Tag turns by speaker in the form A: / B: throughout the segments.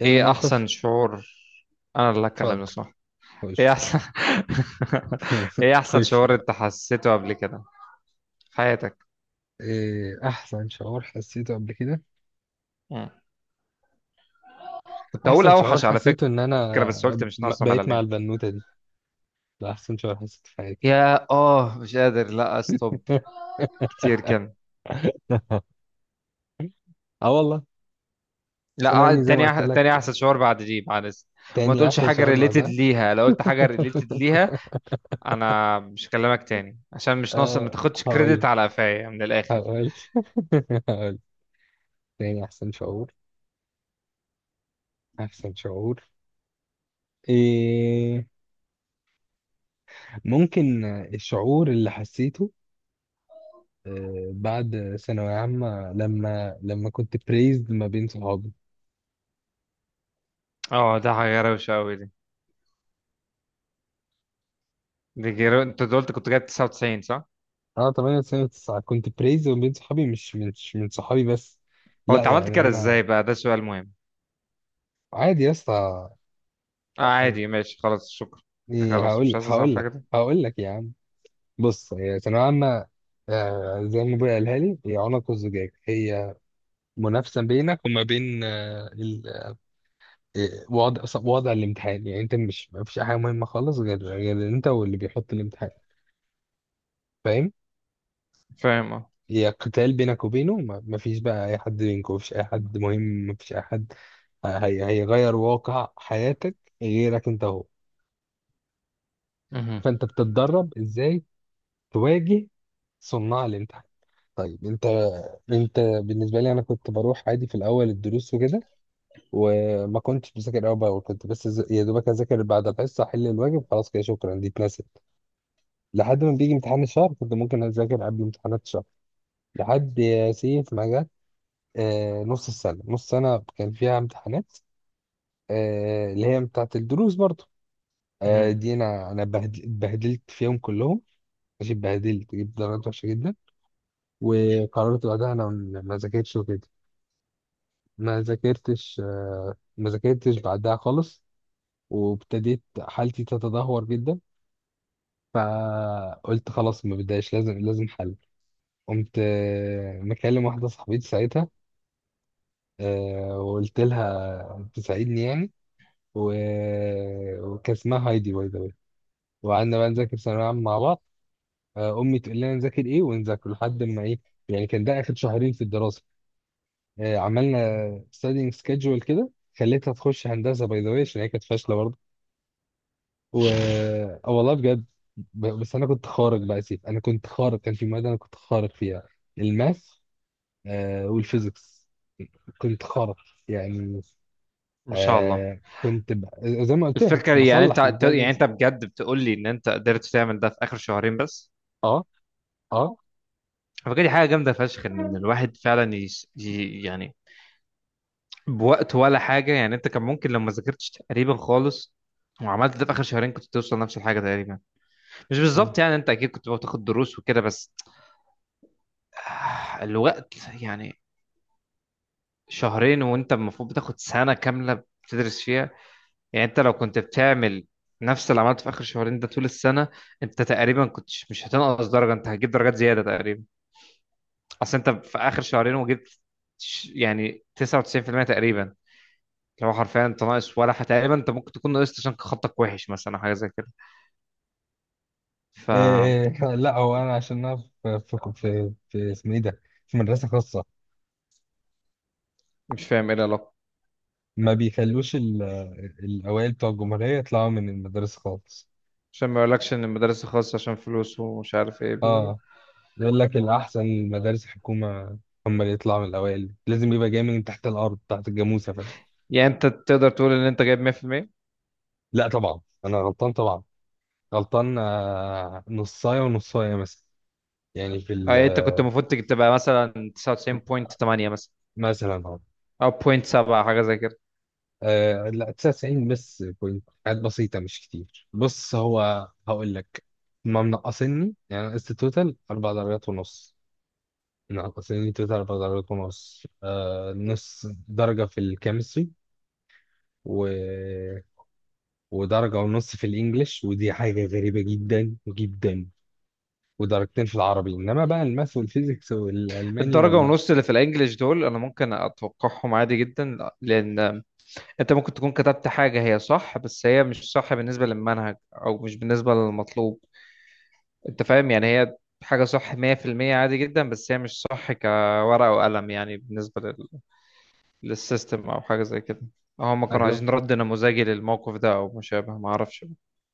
A: ايه
B: ايه
A: الموقف؟
B: احسن شعور؟ انا اللي
A: اتفضل.
B: هتكلم، صح؟ ايه
A: خش.
B: احسن ايه احسن
A: خش
B: شعور
A: يعني.
B: انت حسيته قبل كده في حياتك؟
A: ايه احسن شعور حسيته قبل كده؟
B: مم. كنت هقول
A: احسن شعور
B: اوحش على
A: حسيته
B: فكرة،
A: ان انا
B: بس قلت مش ناقصة
A: بقيت
B: ملل
A: مع
B: يعني.
A: البنوتة دي. ده احسن شعور حسيته في حياتي.
B: يا مش قادر لا استوب كتير كده.
A: اه والله.
B: لا
A: سلامني زي ما
B: تاني
A: قلت
B: تاني
A: لك.
B: احسن شعور بعد دي، بعد وما
A: تاني
B: تقولش
A: احسن
B: حاجة
A: شعور
B: ريليتد
A: بعدها.
B: ليها. لو قلت حاجة ريليتد ليها انا مش هكلمك تاني، عشان مش ناقصة ما
A: أه،
B: تاخدش كريدت
A: هقول
B: على قفايا من الاخر.
A: هقول هقول. تاني احسن شعور. احسن شعور إيه ممكن، الشعور اللي حسيته. آه، بعد ثانوية عامة لما كنت بريزد ما بين صحابي.
B: اه، ده حاجة روشة قوي دي. انت قلت كنت جايب 99، صح؟
A: أنا 8 سنة 9 كنت بريزد ما بين صحابي، مش من صحابي بس.
B: هو
A: لا
B: انت عملت
A: يعني
B: كده
A: أنا.
B: ازاي بقى؟ ده سؤال مهم.
A: عادي يا اسطى.
B: آه، عادي، ماشي، خلاص شكرا.
A: إيه،
B: خلاص مش
A: هقول
B: عايز
A: هقول
B: اعرف
A: لك
B: كده.
A: هقول لك يا عم. بص، هي ثانوية عامة. آه، زي ما ابويا قالها لي، هي عنق الزجاج، هي منافسة بينك وما بين وضع الامتحان. يعني انت مش، ما فيش حاجة مهمة خالص غير انت واللي بيحط الامتحان. فاهم؟
B: فاهم، اه.
A: هي قتال بينك وبينه، ما فيش بقى اي حد بينكم، ما فيش اي حد مهم، ما فيش اي حد. هي هيغير واقع حياتك غيرك انت هو.
B: مهم.
A: فانت بتتدرب ازاي تواجه صناع الامتحان. طيب، انت بالنسبه لي، انا كنت بروح عادي في الاول الدروس وكده، وما كنتش بذاكر اول باول. كنت بس، يا دوبك اذاكر بعد الحصه، احل الواجب، خلاص، كده، شكرا، دي اتنست، لحد ما بيجي امتحان الشهر. كنت ممكن اذاكر قبل امتحانات الشهر لحد يا سيف ما جه. آه، نص السنة، نص سنة كان فيها امتحانات، آه، اللي هي بتاعت الدروس برضو. آه،
B: مهم.
A: دي أنا اتبهدلت فيهم كلهم. ماشي، اتبهدلت، جبت درجات وحشة جدا، وقررت بعدها أنا، ما ذاكرتش وكده. ما ذاكرتش، آه، ما ذاكرتش بعدها خالص، وابتديت حالتي تتدهور جدا. فقلت خلاص، ما بداش، لازم حل. قمت، آه، مكلم واحدة صاحبتي ساعتها، آه، وقلت لها تساعدني يعني. و... وكان اسمها هايدي، باي ذا واي. وقعدنا بقى نذاكر ثانوية عامة مع بعض. آه، أمي تقول لنا نذاكر إيه ونذاكر لحد ما إيه. يعني كان ده آخر شهرين في الدراسة. آه، عملنا studying schedule كده. خليتها تخش هندسة باي ذا واي عشان هي كانت فاشلة برضه. و آه، والله بجد. بس أنا كنت خارق بقى يا سيف، أنا كنت خارق، كان في مادة أنا كنت خارق فيها، الماث، آه، والفيزيكس، كنت خارق يعني.
B: ما شاء الله.
A: آه، كنت ب... زي ما قلت لك،
B: الفكرة
A: كنت
B: يعني
A: بصلح
B: يعني
A: الجايدنس.
B: انت بجد بتقول لي ان انت قدرت تعمل ده في اخر شهرين بس؟
A: اه، اه.
B: فكرة دي حاجة جامدة فشخ، ان الواحد فعلا يعني بوقت ولا حاجة يعني. انت كان ممكن لو ما ذاكرتش تقريبا خالص وعملت ده في اخر شهرين، كنت توصل نفس الحاجة تقريبا. مش
A: مم.
B: بالظبط يعني، انت اكيد كنت بتاخد دروس وكده، بس الوقت يعني. شهرين وانت المفروض بتاخد سنة كاملة بتدرس فيها. يعني انت لو كنت بتعمل نفس اللي عملته في اخر شهرين ده طول السنة، انت تقريبا كنت مش هتنقص درجة، انت هتجيب درجات زيادة تقريبا. اصل انت في اخر شهرين وجبت يعني 99% تقريبا. لو حرفيا انت ناقص ولا تقريبا انت ممكن تكون ناقصت عشان خطك وحش مثلا أو حاجة زي كده.
A: إيه،
B: فمش
A: لا هو انا عشان انا في اسمه ايه ده، في مدرسه خاصه،
B: فاهم ايه العلاقة.
A: ما بيخلوش الاوائل بتوع الجمهوريه يطلعوا من المدارس خالص.
B: عشان ما يقولكش ان المدارس الخاصة عشان فلوس ومش عارف ايه
A: اه، يقول لك الاحسن المدارس الحكومه، هم اللي يطلعوا من الاوائل، لازم يبقى جاي من تحت الارض، تحت الجاموسه، فاهم.
B: يعني انت تقدر تقول ان انت جايب 100%؟
A: لا طبعا انا غلطان طبعا، غلطان، آه، نصايه ونصايه مثلا، يعني في
B: اه، يعني انت كنت المفروض تبقى مثلا 99.8 مثلا،
A: مثلا أهو.
B: او 0.7 حاجه زي كده.
A: آه لا، 99 بس بوينت، حاجات بسيطة مش كتير. بص هو هقول لك، ما منقصني، يعني نقصت توتال أربع درجات ونص. منقصني توتال أربع درجات ونص، آه، نص درجة في الكيمستري و... ودرجة ونص في الإنجليش، ودي حاجة غريبة جدا جدا، ودرجتين في العربي، إنما بقى الماث والفيزيكس والألماني
B: الدرجه
A: وال...
B: ونص اللي في الانجليش دول انا ممكن اتوقعهم عادي جدا، لان انت ممكن تكون كتبت حاجه هي صح، بس هي مش صح بالنسبه للمنهج او مش بالنسبه للمطلوب. انت فاهم يعني، هي حاجه صح 100% عادي جدا، بس هي مش صح كورقه وقلم يعني، بالنسبه للسيستم او حاجه زي كده. هم كانوا عايزين رد نموذجي للموقف ده او مشابه، ما اعرفش.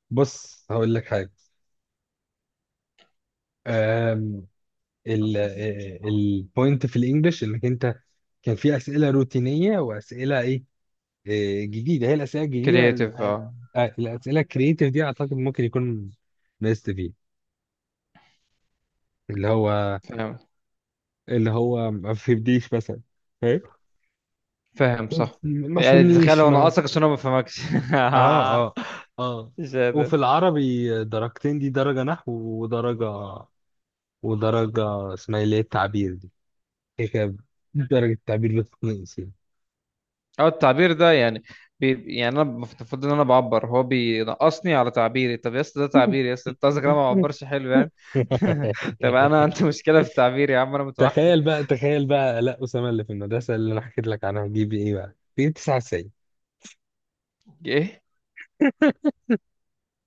A: بص، هقول لك حاجة. آم، ال البوينت في الانجليش، انك انت كان في اسئله روتينيه واسئله ايه، آه، جديده. هي الاسئله الجديده،
B: كرييتيف، اه.
A: آه، الاسئله الكرييتيف دي، اعتقد ممكن يكون مست فيه، اللي هو
B: فاهم.
A: اللي هو ما فهمنيش مثلا. فاهم.
B: فاهم، صح.
A: ما
B: يعني تخيل
A: فهمنيش،
B: لو انا
A: ما...
B: قاصك عشان انا ما بفهمكش.
A: اه، اه، اه.
B: مش قادر.
A: وفي العربي درجتين، دي درجه نحو، ودرجه اسمها إيه، اللي هي التعبير دي. هي كده، درجه التعبير بتتنقص يعني.
B: او التعبير ده يعني، بي يعني انا المفروض ان انا بعبر، هو بينقصني على تعبيري؟ طب يا اسطى ده تعبيري يا اسطى، انت قصدك إن انا ما بعبرش حلو يعني؟ طب انا عندي مشكله في التعبير يا عم، انا متوحد.
A: تخيل بقى لا، أسامة اللي في المدرسة اللي أنا حكيت لك عنها، جيب إيه بقى؟ جيب 99.
B: ايه؟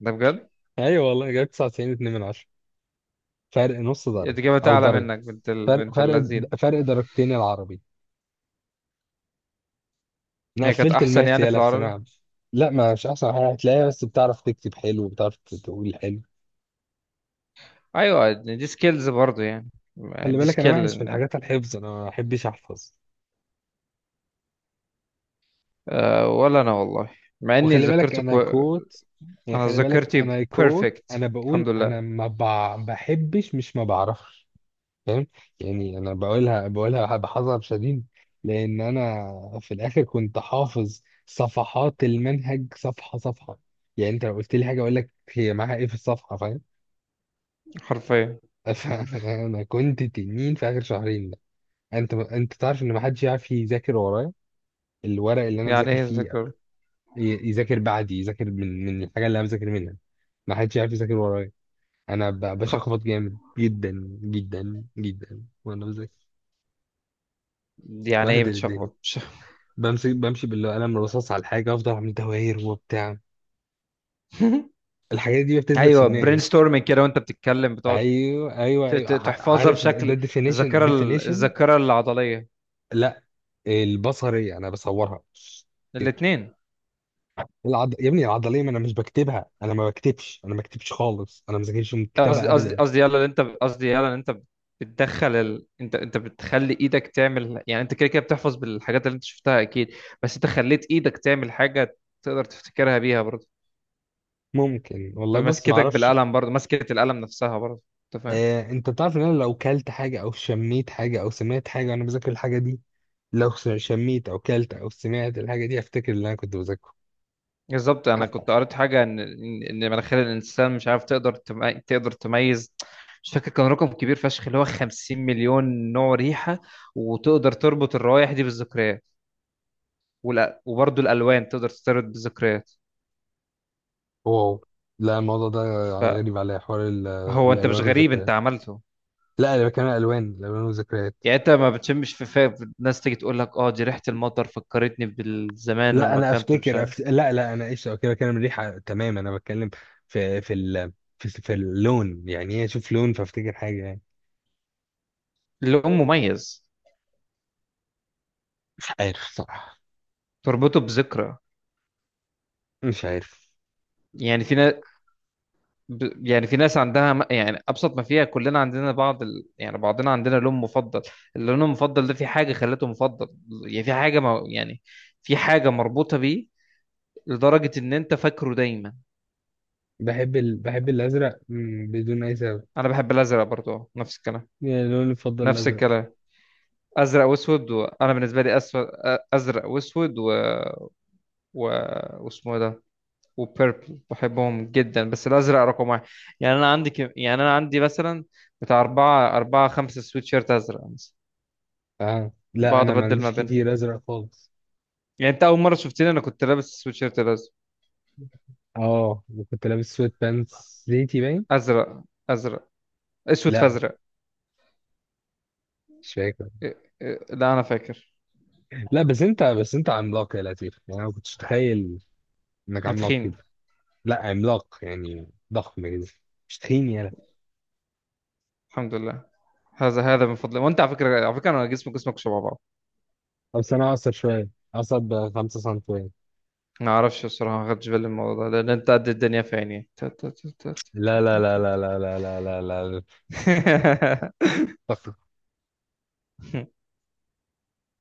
B: ده بجد؟
A: أيوه والله جايب 99 2 من 10، فرق نص درجة
B: الاجابه
A: أو
B: تعلى
A: درجة،
B: منك بنت
A: فرق،
B: بنت
A: فرق
B: اللذين.
A: فرق درجتين العربي. أنا
B: هي كانت
A: قفلت
B: احسن
A: الماث
B: يعني في
A: يالا في ثانوية
B: العربي.
A: عامة. لا، ما مش أحسن حاجة هتلاقيها، بس بتعرف تكتب حلو وبتعرف تقول حلو.
B: ايوه، دي سكيلز برضو يعني.
A: خلي
B: دي
A: بالك أنا
B: سكيل.
A: وحش في
B: إن-
A: الحاجات الحفظ، أنا ما بحبش أحفظ.
B: ولا انا والله، مع اني
A: وخلي بالك
B: ذاكرت.
A: أنا كوت، يعني
B: انا
A: خلي بالك
B: ذاكرتي
A: أنا كوت،
B: بيرفكت
A: أنا
B: الحمد
A: بقول،
B: لله.
A: أنا ما بع- بحبش، مش ما بعرفش. فاهم. يعني انا بقولها بحذر شديد، لان انا في الاخر كنت حافظ صفحات المنهج صفحه صفحه. يعني انت لو قلت لي حاجه اقول لك هي معاها ايه في الصفحه. فاهم.
B: حرفيا.
A: فانا كنت تنين في اخر شهرين ده. انت تعرف ان ما حدش يعرف يذاكر ورايا، الورق اللي انا
B: يعني
A: بذاكر
B: ايه
A: فيه،
B: ذاكر؟
A: يذاكر بعدي، يذاكر من الحاجه اللي انا بذاكر منها. ما حدش يعرف يذاكر ورايا. انا
B: خط.
A: بشخبط جامد جدا جدا جدا وانا بذاكر،
B: يعني ايه
A: بهدل الدنيا،
B: بتشخبط؟
A: بمسك، بمشي بالقلم الرصاص على الحاجة، أفضل أعمل دواير وبتاع. الحاجات دي بتثبت في
B: ايوه، برين
A: دماغي.
B: ستورمنج كده وانت بتتكلم، بتقعد
A: أيوه، أيوه، أيوه،
B: تحفظها
A: عارف، ده
B: بشكل
A: definition
B: الذاكره الذاكره العضليه.
A: لا، البصرية أنا بصورها كده.
B: الاثنين.
A: يا ابني العضلية، ما أنا مش بكتبها، أنا ما بكتبش خالص، أنا ما ذاكرش من الكتابة
B: قصدي
A: أبدا.
B: قصدي، يلا اللي انت، قصدي يلا اللي انت بتدخل انت انت بتخلي ايدك تعمل، يعني انت كده كده بتحفظ بالحاجات اللي انت شفتها اكيد، بس انت خليت ايدك تعمل حاجه تقدر تفتكرها بيها برضه.
A: ممكن والله، بص ما
B: بمسكتك
A: أعرفش.
B: بالقلم برضه، مسكه القلم نفسها برضه. انت فاهم.
A: آه، أنت بتعرف إن أنا لو كلت حاجة أو شميت حاجة أو سمعت حاجة وأنا بذاكر الحاجة دي، لو شميت أو كلت أو سمعت الحاجة دي، أفتكر اللي أنا كنت بذاكره.
B: بالظبط، انا كنت قريت حاجه ان ان مناخير الانسان، مش عارف، تقدر تقدر تميز، مش فاكر كان رقم كبير فشخ، اللي هو 50 مليون نوع ريحه، وتقدر تربط الروائح دي بالذكريات. وبرضه الالوان تقدر ترتبط بالذكريات.
A: واو. لا، الموضوع ده غريب عليا، حوار
B: فهو انت مش
A: الالوان
B: غريب، انت
A: والذكريات.
B: عملته.
A: لا انا بتكلم عن الالوان والذكريات.
B: يعني انت ما بتشمش في فاق الناس تيجي تقول لك اه دي ريحه المطر فكرتني بالزمان
A: لا
B: لما
A: انا
B: كنت مش
A: افتكر،
B: عارف.
A: لا لا، انا ايش كده بتكلم الريحه، تمام. انا بتكلم في في ال... في اللون. يعني ايه اشوف لون فافتكر حاجه يعني.
B: اللون مميز،
A: مش عارف صراحه.
B: تربطه بذكرى.
A: مش عارف.
B: يعني في ناس يعني في ناس عندها يعني ابسط ما فيها كلنا عندنا بعض يعني بعضنا عندنا لون مفضل. اللون المفضل ده في حاجه خلته مفضل، يعني في حاجه ما... يعني في حاجه مربوطه بيه لدرجه ان انت فاكره دايما.
A: بحب الازرق، مم، بدون اي سبب.
B: انا بحب الازرق برضو، نفس الكلام.
A: يعني اللون المفضل
B: نفس
A: الازرق.
B: الكلام. ازرق واسود، وانا بالنسبه لي اسود، ازرق واسود، و... واسمه إيه ده، وبيربل، بحبهم جدا، بس الازرق رقم واحد. يعني انا عندي يعني انا عندي مثلا بتاع اربعه اربعه خمسه سويت شيرت ازرق مثلا،
A: اه لا،
B: بقعد
A: انا ما
B: ابدل ما
A: عنديش
B: بينها.
A: كتير ازرق خالص.
B: يعني انت اول مره شفتني انا كنت لابس سويتشيرت الازرق.
A: اه، وكنت لابس سويت بانس زيتي باين.
B: ازرق. ازرق. اسود في
A: لا،
B: ازرق.
A: مش فاكر.
B: إيه- إيه، لا انا فاكر.
A: لا بس انت، عملاق يا لطيف. يعني انا ما كنتش متخيل انك
B: أنا
A: عملاق
B: تخين،
A: كده. لا عملاق يعني، ضخم كده، مش تخين يا لطيف.
B: الحمد لله. هذا هذا من فضلك. وانت على فكره، على فكره، انا جسمي جسمك شبه بعض.
A: بس انا اقصر شويه، اقصر بخمسة سنتيمتر.
B: ما اعرفش الصراحه، ما خدتش بالي من الموضوع ده لان انت قد الدنيا في عيني.
A: لا
B: تا-
A: لا
B: تا-
A: لا لا
B: تا-
A: لا لا لا لا لا.
B: تا.
A: لا.